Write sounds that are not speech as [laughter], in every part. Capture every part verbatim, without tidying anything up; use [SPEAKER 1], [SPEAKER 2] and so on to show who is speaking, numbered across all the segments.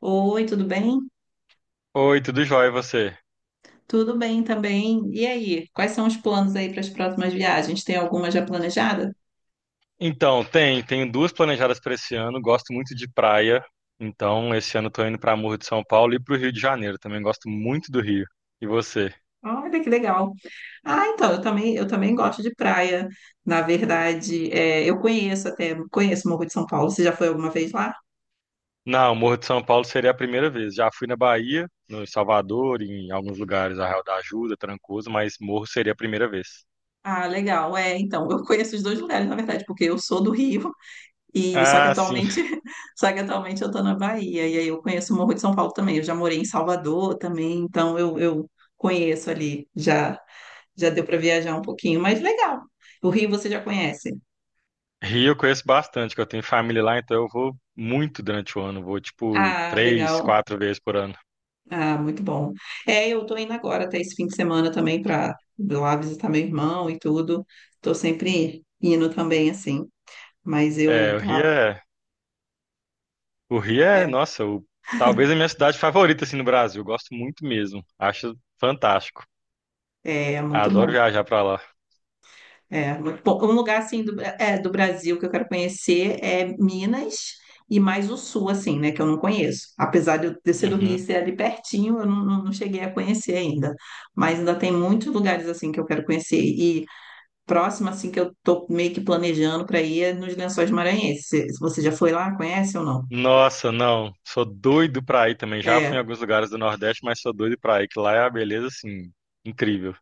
[SPEAKER 1] Oi, tudo bem?
[SPEAKER 2] Oi, tudo jóia e você?
[SPEAKER 1] Tudo bem também. E aí, quais são os planos aí para as próximas viagens? Tem alguma já planejada?
[SPEAKER 2] Então, tem, tenho duas planejadas para esse ano. Gosto muito de praia, então esse ano estou indo para Morro de São Paulo e para o Rio de Janeiro. Também gosto muito do Rio. E você?
[SPEAKER 1] Olha que legal. Ah, então, eu também, eu também gosto de praia. Na verdade, é, eu conheço até, conheço o Morro de São Paulo. Você já foi alguma vez lá?
[SPEAKER 2] Não, Morro de São Paulo seria a primeira vez. Já fui na Bahia, no Salvador, em alguns lugares, Arraial da Ajuda, Trancoso, mas Morro seria a primeira vez.
[SPEAKER 1] Ah, legal. É, então, eu conheço os dois lugares, na verdade, porque eu sou do Rio [laughs] e só que
[SPEAKER 2] Ah, sim.
[SPEAKER 1] atualmente, [laughs] só que atualmente eu tô na Bahia e aí eu conheço o Morro de São Paulo também. Eu já morei em Salvador também, então eu, eu conheço ali já. Já deu para viajar um pouquinho, mas legal. O Rio você já conhece.
[SPEAKER 2] Rio eu conheço bastante, que eu tenho família lá, então eu vou muito durante o ano. Vou tipo
[SPEAKER 1] Ah,
[SPEAKER 2] três,
[SPEAKER 1] legal.
[SPEAKER 2] quatro vezes por ano.
[SPEAKER 1] Ah, muito bom. É, eu tô indo agora até esse fim de semana também para lá visitar meu irmão e tudo. Tô sempre indo também, assim. Mas
[SPEAKER 2] É,
[SPEAKER 1] eu
[SPEAKER 2] o
[SPEAKER 1] tá,
[SPEAKER 2] Rio é O Rio é,
[SPEAKER 1] é,
[SPEAKER 2] nossa, o- talvez a minha cidade favorita assim no Brasil. Eu gosto muito mesmo. Acho fantástico.
[SPEAKER 1] É muito
[SPEAKER 2] Adoro
[SPEAKER 1] bom.
[SPEAKER 2] viajar pra lá.
[SPEAKER 1] É, muito bom. Um lugar assim do, Bra- é, do Brasil que eu quero conhecer é Minas e mais o sul, assim, né? Que eu não conheço. Apesar de eu ter sido do Rio e
[SPEAKER 2] Uhum.
[SPEAKER 1] ser ali pertinho, eu não, não- não cheguei a conhecer ainda. Mas ainda tem muitos lugares assim que eu quero conhecer. E próximo, assim, que eu tô meio que planejando para ir é nos Lençóis Maranhenses. Se- se Você já foi lá? Conhece ou não?
[SPEAKER 2] Nossa, não. Sou doido pra ir também. Já fui em
[SPEAKER 1] É.
[SPEAKER 2] alguns lugares do Nordeste, mas sou doido pra ir, que lá é a beleza assim incrível.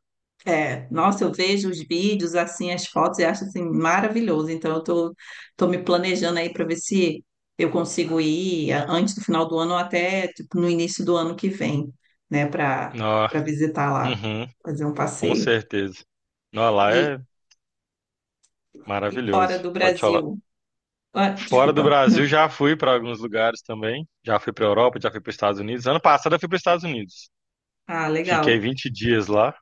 [SPEAKER 1] É, nossa, eu vejo os vídeos, assim, as fotos e acho, assim, maravilhoso. Então, eu tô, tô me planejando aí para ver se eu consigo ir a- antes do final do ano ou até, tipo, no início do ano que vem, né, para
[SPEAKER 2] Nó.
[SPEAKER 1] para visitar lá,
[SPEAKER 2] Uhum.
[SPEAKER 1] fazer um
[SPEAKER 2] Com
[SPEAKER 1] passeio.
[SPEAKER 2] certeza. Nó, lá
[SPEAKER 1] E,
[SPEAKER 2] é
[SPEAKER 1] e fora
[SPEAKER 2] maravilhoso.
[SPEAKER 1] do
[SPEAKER 2] Pode falar.
[SPEAKER 1] Brasil. Ah,
[SPEAKER 2] Fora do
[SPEAKER 1] desculpa.
[SPEAKER 2] Brasil, já fui pra alguns lugares também. Já fui pra Europa, já fui para Estados Unidos. Ano passado eu fui para Estados Unidos.
[SPEAKER 1] Ah,
[SPEAKER 2] Fiquei
[SPEAKER 1] legal,
[SPEAKER 2] vinte dias lá.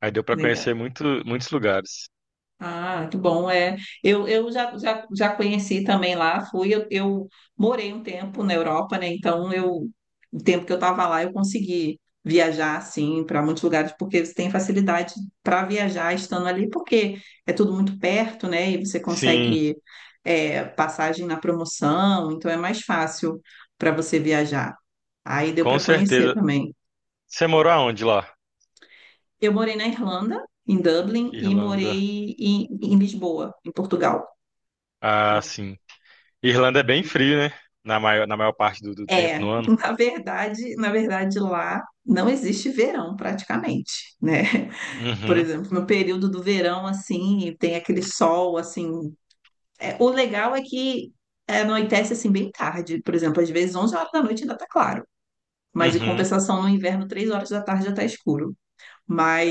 [SPEAKER 2] Aí deu pra conhecer
[SPEAKER 1] legal.
[SPEAKER 2] muito, muitos lugares.
[SPEAKER 1] Ah, muito bom, é. Eu, eu já, já, já conheci também lá, fui, eu, eu morei um tempo na Europa, né? Então eu, o tempo que eu estava lá, eu consegui viajar assim para muitos lugares, porque você tem facilidade para viajar estando ali, porque é tudo muito perto, né? E você
[SPEAKER 2] Sim,
[SPEAKER 1] consegue é, passagem na promoção, então é mais fácil para você viajar. Aí deu para
[SPEAKER 2] com
[SPEAKER 1] conhecer
[SPEAKER 2] certeza.
[SPEAKER 1] também.
[SPEAKER 2] Você morou aonde lá?
[SPEAKER 1] Eu morei na Irlanda, em Dublin, e
[SPEAKER 2] Irlanda.
[SPEAKER 1] morei em, em Lisboa, em Portugal.
[SPEAKER 2] Ah,
[SPEAKER 1] Então,
[SPEAKER 2] sim. Irlanda é bem frio, né? Na maior, na maior parte do, do tempo
[SPEAKER 1] é,
[SPEAKER 2] no
[SPEAKER 1] [laughs]
[SPEAKER 2] ano.
[SPEAKER 1] na verdade, na verdade lá não existe verão praticamente, né? [laughs] Por
[SPEAKER 2] Uhum,
[SPEAKER 1] exemplo, no período do verão assim, tem aquele sol assim, é, o legal é que é, anoitece assim bem tarde, por exemplo, às vezes onze horas da noite ainda tá claro, mas em
[SPEAKER 2] uhum.
[SPEAKER 1] compensação no inverno três horas da tarde já tá escuro.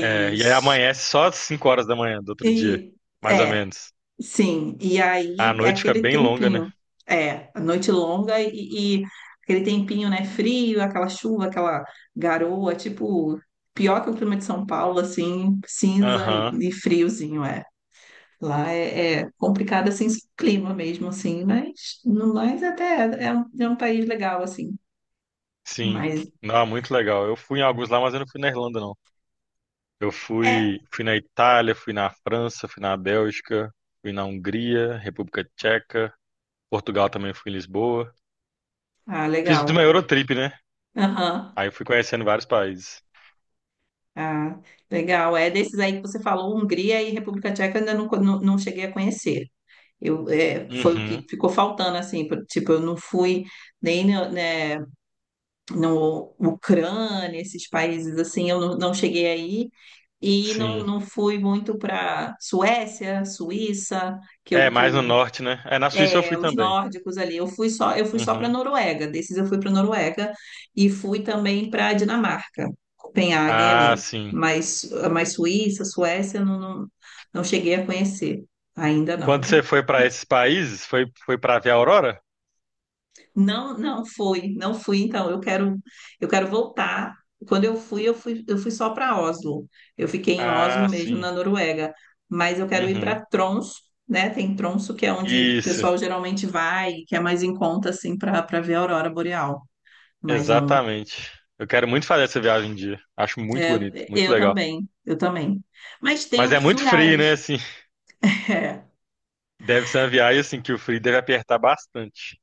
[SPEAKER 2] É, e aí amanhece só às cinco horas da manhã do outro dia,
[SPEAKER 1] e
[SPEAKER 2] mais ou
[SPEAKER 1] é,
[SPEAKER 2] menos.
[SPEAKER 1] Sim, e
[SPEAKER 2] A
[SPEAKER 1] aí é
[SPEAKER 2] noite fica
[SPEAKER 1] aquele
[SPEAKER 2] bem longa, né?
[SPEAKER 1] tempinho, é, a noite longa e, e aquele tempinho, né, frio, aquela chuva, aquela garoa, tipo, pior que o clima de São Paulo, assim, cinza e,
[SPEAKER 2] Aham,
[SPEAKER 1] e friozinho, é. Lá é, é complicado, assim, o clima mesmo, assim, mas no mais até é, um, é um país legal, assim,
[SPEAKER 2] sim.
[SPEAKER 1] mas
[SPEAKER 2] Não, muito legal. Eu fui em alguns lá, mas eu não fui na Irlanda, não. Eu
[SPEAKER 1] é,
[SPEAKER 2] fui, fui na Itália, fui na França, fui na Bélgica, fui na Hungria, República Tcheca. Portugal também fui em Lisboa.
[SPEAKER 1] ah,
[SPEAKER 2] Fiz
[SPEAKER 1] legal,
[SPEAKER 2] uma Eurotrip, né?
[SPEAKER 1] aham.
[SPEAKER 2] Aí eu fui conhecendo vários países.
[SPEAKER 1] Ah, legal. É desses aí que você falou, Hungria e República Tcheca, eu ainda não, co- não, não cheguei a conhecer. Eu, é, foi o que
[SPEAKER 2] Uhum,
[SPEAKER 1] ficou faltando, assim, por- tipo, eu não fui nem no, né, no Ucrânia, esses países assim, eu não, não cheguei aí e não,
[SPEAKER 2] sim.
[SPEAKER 1] não fui muito para Suécia, Suíça, que
[SPEAKER 2] É,
[SPEAKER 1] eu, que
[SPEAKER 2] mais no
[SPEAKER 1] eu,
[SPEAKER 2] norte, né? É, na Suíça eu
[SPEAKER 1] é,
[SPEAKER 2] fui
[SPEAKER 1] os
[SPEAKER 2] também.
[SPEAKER 1] nórdicos ali. Eu fui só, eu fui só para
[SPEAKER 2] Uhum.
[SPEAKER 1] Noruega, desses eu fui para Noruega e fui também para Dinamarca, Copenhagen
[SPEAKER 2] Ah,
[SPEAKER 1] ali,
[SPEAKER 2] sim.
[SPEAKER 1] mas, mas Suíça, Suécia, eu não, não, não cheguei a conhecer, ainda não,
[SPEAKER 2] Quando
[SPEAKER 1] né?
[SPEAKER 2] você foi para esses países, foi, foi para ver a aurora?
[SPEAKER 1] Não, não fui, não fui. Então, eu quero, eu quero voltar. Quando eu fui, eu fui, eu fui só para Oslo. Eu fiquei em Oslo
[SPEAKER 2] Ah,
[SPEAKER 1] mesmo,
[SPEAKER 2] sim.
[SPEAKER 1] na Noruega. Mas eu quero ir
[SPEAKER 2] Uhum.
[SPEAKER 1] para Tromsø, né? Tem Tromsø, que é onde o
[SPEAKER 2] Isso,
[SPEAKER 1] pessoal geralmente vai, que é mais em conta, assim, para para ver a aurora boreal. Mas não,
[SPEAKER 2] exatamente. Eu quero muito fazer essa viagem um dia. Acho muito
[SPEAKER 1] é,
[SPEAKER 2] bonito, muito
[SPEAKER 1] eu
[SPEAKER 2] legal.
[SPEAKER 1] também, eu também. Mas tem
[SPEAKER 2] Mas é
[SPEAKER 1] outros
[SPEAKER 2] muito frio, né?
[SPEAKER 1] lugares.
[SPEAKER 2] Assim,
[SPEAKER 1] [laughs]
[SPEAKER 2] deve ser uma viagem assim que o frio deve apertar bastante.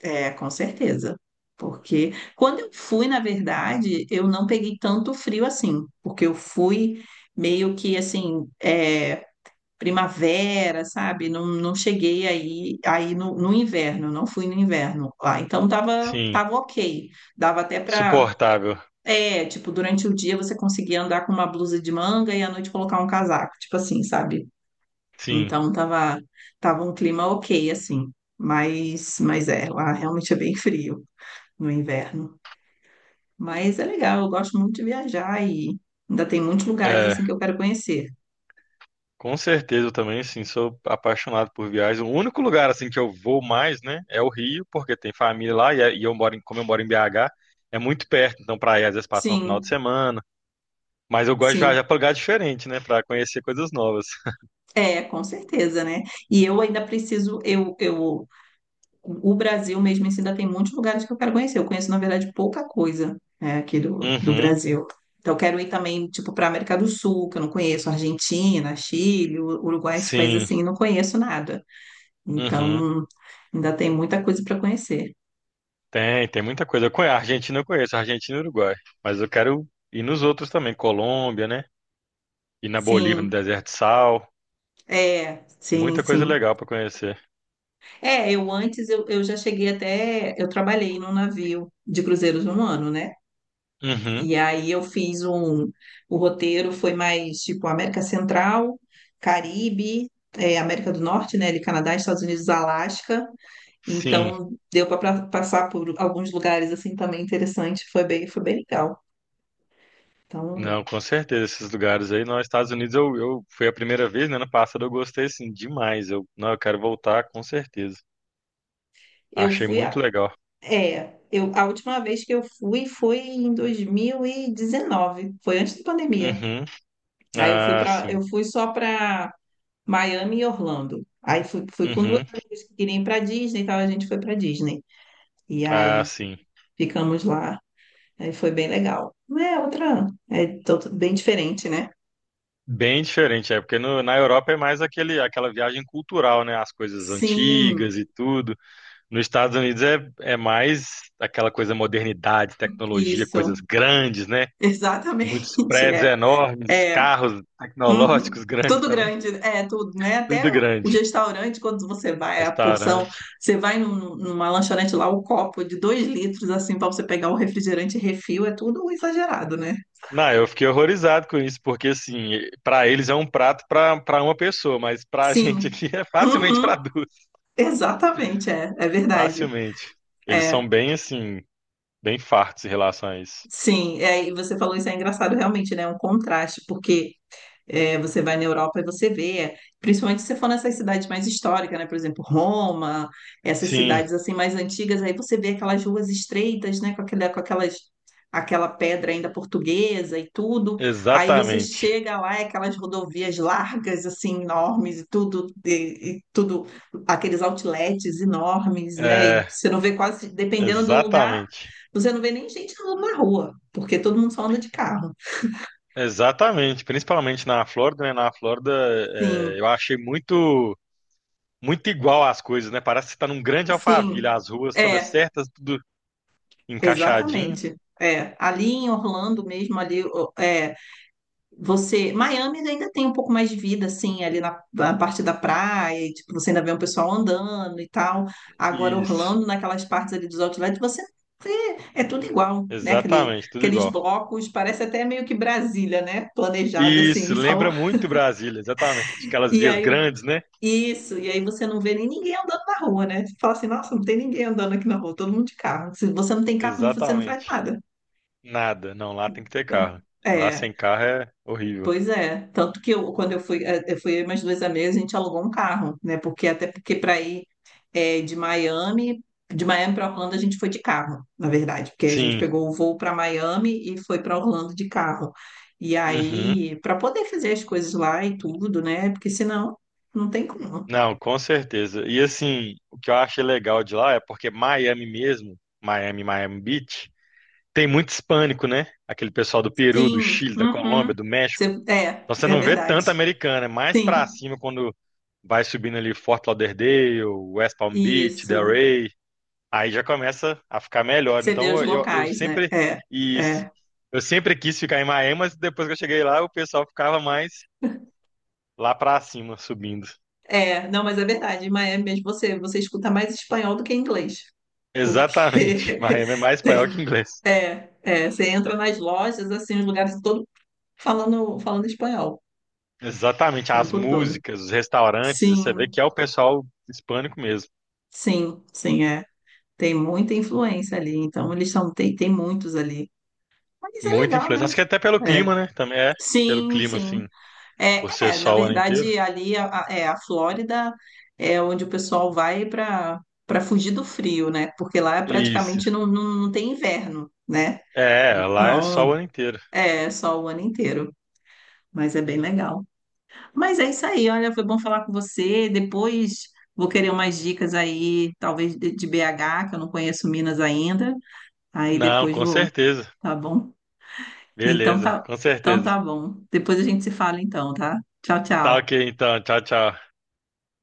[SPEAKER 1] É, com certeza. Porque quando eu fui, na verdade, eu não peguei tanto frio assim, porque eu fui meio que assim, é, primavera, sabe? Não, não cheguei aí, aí no, no inverno, não fui no inverno lá. Então tava,
[SPEAKER 2] Sim,
[SPEAKER 1] tava ok. Dava até pra.
[SPEAKER 2] suportável.
[SPEAKER 1] É, tipo, durante o dia você conseguia andar com uma blusa de manga e à noite colocar um casaco, tipo assim, sabe?
[SPEAKER 2] Sim.
[SPEAKER 1] Então tava, tava um clima ok, assim. Mas, mas é, lá realmente é bem frio no inverno. Mas é legal, eu gosto muito de viajar e ainda tem muitos lugares assim
[SPEAKER 2] É.
[SPEAKER 1] que eu quero conhecer.
[SPEAKER 2] Com certeza, eu também, assim, sou apaixonado por viagens. O único lugar, assim, que eu vou mais, né, é o Rio, porque tem família lá e, é- e eu moro em, como eu moro em B agá, é muito perto, então pra ir às vezes passar um final de
[SPEAKER 1] Sim,
[SPEAKER 2] semana. Mas eu gosto de
[SPEAKER 1] sim.
[SPEAKER 2] viajar pra lugar diferente, né, pra conhecer coisas novas.
[SPEAKER 1] É, com certeza, né? E eu ainda preciso, eu, eu, o Brasil mesmo assim, ainda tem muitos lugares que eu quero conhecer. Eu conheço, na verdade, pouca coisa, né, aqui do, do
[SPEAKER 2] Uhum,
[SPEAKER 1] Brasil. Então, eu quero ir também, tipo, para a América do Sul, que eu não conheço, Argentina, Chile, U- Uruguai, esses países
[SPEAKER 2] sim,
[SPEAKER 1] assim, eu não conheço nada.
[SPEAKER 2] uhum.
[SPEAKER 1] Então, ainda tem muita coisa para conhecer.
[SPEAKER 2] Tem, tem muita coisa. Eu conheço, a Argentina eu conheço, a Argentina e o Uruguai. Mas eu quero ir nos outros também, Colômbia, né, ir na Bolívia, no
[SPEAKER 1] Sim,
[SPEAKER 2] Deserto de Sal.
[SPEAKER 1] é, sim,
[SPEAKER 2] Muita coisa
[SPEAKER 1] sim.
[SPEAKER 2] legal pra conhecer.
[SPEAKER 1] É, eu antes eu, eu já cheguei até, eu trabalhei num navio de cruzeiros um ano, né?
[SPEAKER 2] Uhum,
[SPEAKER 1] E aí eu fiz um, o roteiro foi mais tipo América Central, Caribe, é, América do Norte, né? Ali Canadá, Estados Unidos, Alasca.
[SPEAKER 2] sim.
[SPEAKER 1] Então deu para passar por alguns lugares assim também interessante, foi bem, foi bem legal. Então
[SPEAKER 2] Não, com certeza, esses lugares aí. Nos Estados Unidos eu, eu foi a primeira vez, né? Ano passado eu gostei assim demais. Eu, não, eu quero voltar com certeza.
[SPEAKER 1] eu
[SPEAKER 2] Achei
[SPEAKER 1] fui a,
[SPEAKER 2] muito legal.
[SPEAKER 1] é, eu a última vez que eu fui foi em dois mil e dezenove, foi antes da pandemia.
[SPEAKER 2] Uhum.
[SPEAKER 1] Aí eu fui
[SPEAKER 2] Ah,
[SPEAKER 1] para,
[SPEAKER 2] sim.
[SPEAKER 1] eu fui só para Miami e Orlando. Aí fui, fui com duas
[SPEAKER 2] Uhum.
[SPEAKER 1] amigas que queriam ir para Disney, então a gente foi para Disney. E
[SPEAKER 2] Ah,
[SPEAKER 1] aí
[SPEAKER 2] sim.
[SPEAKER 1] ficamos lá. Aí foi bem legal. É outra, é to- bem diferente, né?
[SPEAKER 2] Bem diferente, é porque no- na Europa é mais aquele, aquela viagem cultural, né? As coisas
[SPEAKER 1] Sim,
[SPEAKER 2] antigas e tudo. Nos Estados Unidos é, é mais aquela coisa modernidade, tecnologia,
[SPEAKER 1] isso.
[SPEAKER 2] coisas grandes, né?
[SPEAKER 1] [laughs]
[SPEAKER 2] Muitos
[SPEAKER 1] Exatamente,
[SPEAKER 2] prédios
[SPEAKER 1] é.
[SPEAKER 2] enormes,
[SPEAKER 1] É.
[SPEAKER 2] carros
[SPEAKER 1] Uhum.
[SPEAKER 2] tecnológicos [laughs] grandes
[SPEAKER 1] Tudo
[SPEAKER 2] também.
[SPEAKER 1] grande, é tudo, né? Até
[SPEAKER 2] Tudo
[SPEAKER 1] o
[SPEAKER 2] grande.
[SPEAKER 1] restaurante, quando você vai, a porção,
[SPEAKER 2] Restaurante.
[SPEAKER 1] você vai num- numa lanchonete lá, o copo de dois litros, assim, para você pegar o refrigerante refil, é tudo exagerado, né?
[SPEAKER 2] Não, eu fiquei horrorizado com isso, porque assim, pra eles é um prato pra para uma pessoa, mas pra [laughs] gente
[SPEAKER 1] Sim.
[SPEAKER 2] aqui é facilmente
[SPEAKER 1] Uhum.
[SPEAKER 2] pra duas,
[SPEAKER 1] Exatamente, é, é verdade.
[SPEAKER 2] facilmente. Eles
[SPEAKER 1] É,
[SPEAKER 2] são bem assim, bem fartos em relação a isso.
[SPEAKER 1] sim, é, e você falou isso é engraçado realmente, né? É um contraste, porque é, você vai na Europa e você vê, é, principalmente se você for nessas cidades mais históricas, né? Por exemplo, Roma, essas
[SPEAKER 2] Sim,
[SPEAKER 1] cidades assim mais antigas, aí você vê aquelas ruas estreitas, né? Com aquela, com aquelas, aquela pedra ainda portuguesa e tudo. Aí você
[SPEAKER 2] exatamente.
[SPEAKER 1] chega lá, é aquelas rodovias largas, assim, enormes e tudo, e, e tudo, aqueles outlets enormes, né? E
[SPEAKER 2] É,
[SPEAKER 1] você não vê quase, dependendo do lugar,
[SPEAKER 2] exatamente.
[SPEAKER 1] você não vê nem gente andando na rua, porque todo mundo só anda de carro.
[SPEAKER 2] Exatamente, principalmente na Flórida, né? Na Flórida, é,
[SPEAKER 1] Sim,
[SPEAKER 2] eu achei muito muito igual as coisas, né? Parece que você tá num grande
[SPEAKER 1] sim.
[SPEAKER 2] Alphaville, as ruas todas
[SPEAKER 1] É,
[SPEAKER 2] certas, tudo encaixadinho.
[SPEAKER 1] exatamente. É, ali em Orlando mesmo, ali, o- é, você, Miami ainda tem um pouco mais de vida, assim, ali na, na parte da praia, e, tipo, você ainda vê um pessoal andando e tal. Agora,
[SPEAKER 2] Isso,
[SPEAKER 1] Orlando, naquelas partes ali dos outlets, você vê, é tudo igual, né? Aquele,
[SPEAKER 2] exatamente, tudo
[SPEAKER 1] aqueles
[SPEAKER 2] igual.
[SPEAKER 1] blocos, parece até meio que Brasília, né? Planejada, assim, [laughs]
[SPEAKER 2] Isso,
[SPEAKER 1] então,
[SPEAKER 2] lembra muito Brasília, exatamente. Aquelas
[SPEAKER 1] e
[SPEAKER 2] vias
[SPEAKER 1] aí,
[SPEAKER 2] grandes, né?
[SPEAKER 1] isso, e aí você não vê nem ninguém andando na rua, né? Você fala assim, nossa, não tem ninguém andando aqui na rua, todo mundo de carro. Se você não tem carro, você não faz
[SPEAKER 2] Exatamente.
[SPEAKER 1] nada.
[SPEAKER 2] Nada, não, lá tem que ter
[SPEAKER 1] Então,
[SPEAKER 2] carro. Lá
[SPEAKER 1] é.
[SPEAKER 2] sem carro é horrível.
[SPEAKER 1] Pois é, tanto que eu, quando eu fui, eh, eu fui eu e meus dois amigos, a gente alugou um carro, né? Porque até porque para ir eh, de Miami, de Miami para Orlando a gente foi de carro, na verdade, porque a gente
[SPEAKER 2] Sim,
[SPEAKER 1] pegou o voo para Miami e foi para Orlando de carro. E
[SPEAKER 2] uhum.
[SPEAKER 1] aí, para poder fazer as coisas lá e tudo, né? Porque senão não tem como.
[SPEAKER 2] Não, com certeza. E assim, o que eu achei legal de lá é porque Miami mesmo, Miami, Miami Beach, tem muito hispânico, né? Aquele pessoal do Peru, do
[SPEAKER 1] Sim,
[SPEAKER 2] Chile, da
[SPEAKER 1] uhum.
[SPEAKER 2] Colômbia, do México.
[SPEAKER 1] Você- é,
[SPEAKER 2] Então você
[SPEAKER 1] é
[SPEAKER 2] não vê
[SPEAKER 1] verdade.
[SPEAKER 2] tanto americano, é mais pra
[SPEAKER 1] Sim,
[SPEAKER 2] cima quando vai subindo ali Fort Lauderdale, West Palm Beach,
[SPEAKER 1] isso.
[SPEAKER 2] Delray. Aí já começa a ficar melhor.
[SPEAKER 1] Você vê os
[SPEAKER 2] Então eu, eu
[SPEAKER 1] locais, né?
[SPEAKER 2] sempre
[SPEAKER 1] É,
[SPEAKER 2] isso.
[SPEAKER 1] é.
[SPEAKER 2] Eu sempre quis ficar em Miami, mas depois que eu cheguei lá, o pessoal ficava mais lá pra cima, subindo.
[SPEAKER 1] É, não, mas é verdade. Em Miami mesmo você, você escuta mais espanhol do que inglês.
[SPEAKER 2] Exatamente. [laughs]
[SPEAKER 1] Porque [laughs]
[SPEAKER 2] Miami é mais espanhol que
[SPEAKER 1] tem,
[SPEAKER 2] inglês.
[SPEAKER 1] é, é, você entra nas lojas, assim, nos lugares todo falando, falando espanhol
[SPEAKER 2] Exatamente.
[SPEAKER 1] o
[SPEAKER 2] As
[SPEAKER 1] tempo todo.
[SPEAKER 2] músicas, os restaurantes, você vê
[SPEAKER 1] Sim,
[SPEAKER 2] que é o pessoal hispânico mesmo.
[SPEAKER 1] sim, sim, é. Tem muita influência ali, então eles são, tem, tem muitos ali. Mas é
[SPEAKER 2] Muito
[SPEAKER 1] legal, né?
[SPEAKER 2] influência. Acho que até pelo
[SPEAKER 1] É.
[SPEAKER 2] clima, né? Também é pelo
[SPEAKER 1] Sim,
[SPEAKER 2] clima,
[SPEAKER 1] sim.
[SPEAKER 2] assim,
[SPEAKER 1] É,
[SPEAKER 2] por ser
[SPEAKER 1] é, na
[SPEAKER 2] sol o ano inteiro.
[SPEAKER 1] verdade, ali a, a- é, a Flórida é onde o pessoal vai para para fugir do frio, né? Porque lá é
[SPEAKER 2] Isso.
[SPEAKER 1] praticamente não, não, não tem inverno, né?
[SPEAKER 2] É, lá é sol
[SPEAKER 1] Então,
[SPEAKER 2] o ano inteiro.
[SPEAKER 1] é só o ano inteiro, mas é bem legal. Mas é isso aí, olha, foi bom falar com você. Depois vou querer umas dicas aí, talvez de, de B agá, que eu não conheço Minas ainda. Aí
[SPEAKER 2] Não,
[SPEAKER 1] depois
[SPEAKER 2] com
[SPEAKER 1] vou,
[SPEAKER 2] certeza.
[SPEAKER 1] tá bom? Então
[SPEAKER 2] Beleza,
[SPEAKER 1] tá,
[SPEAKER 2] com
[SPEAKER 1] então
[SPEAKER 2] certeza.
[SPEAKER 1] tá bom. Depois a gente se fala então, tá? Tchau,
[SPEAKER 2] Tá ok,
[SPEAKER 1] tchau.
[SPEAKER 2] então. Tchau, tchau.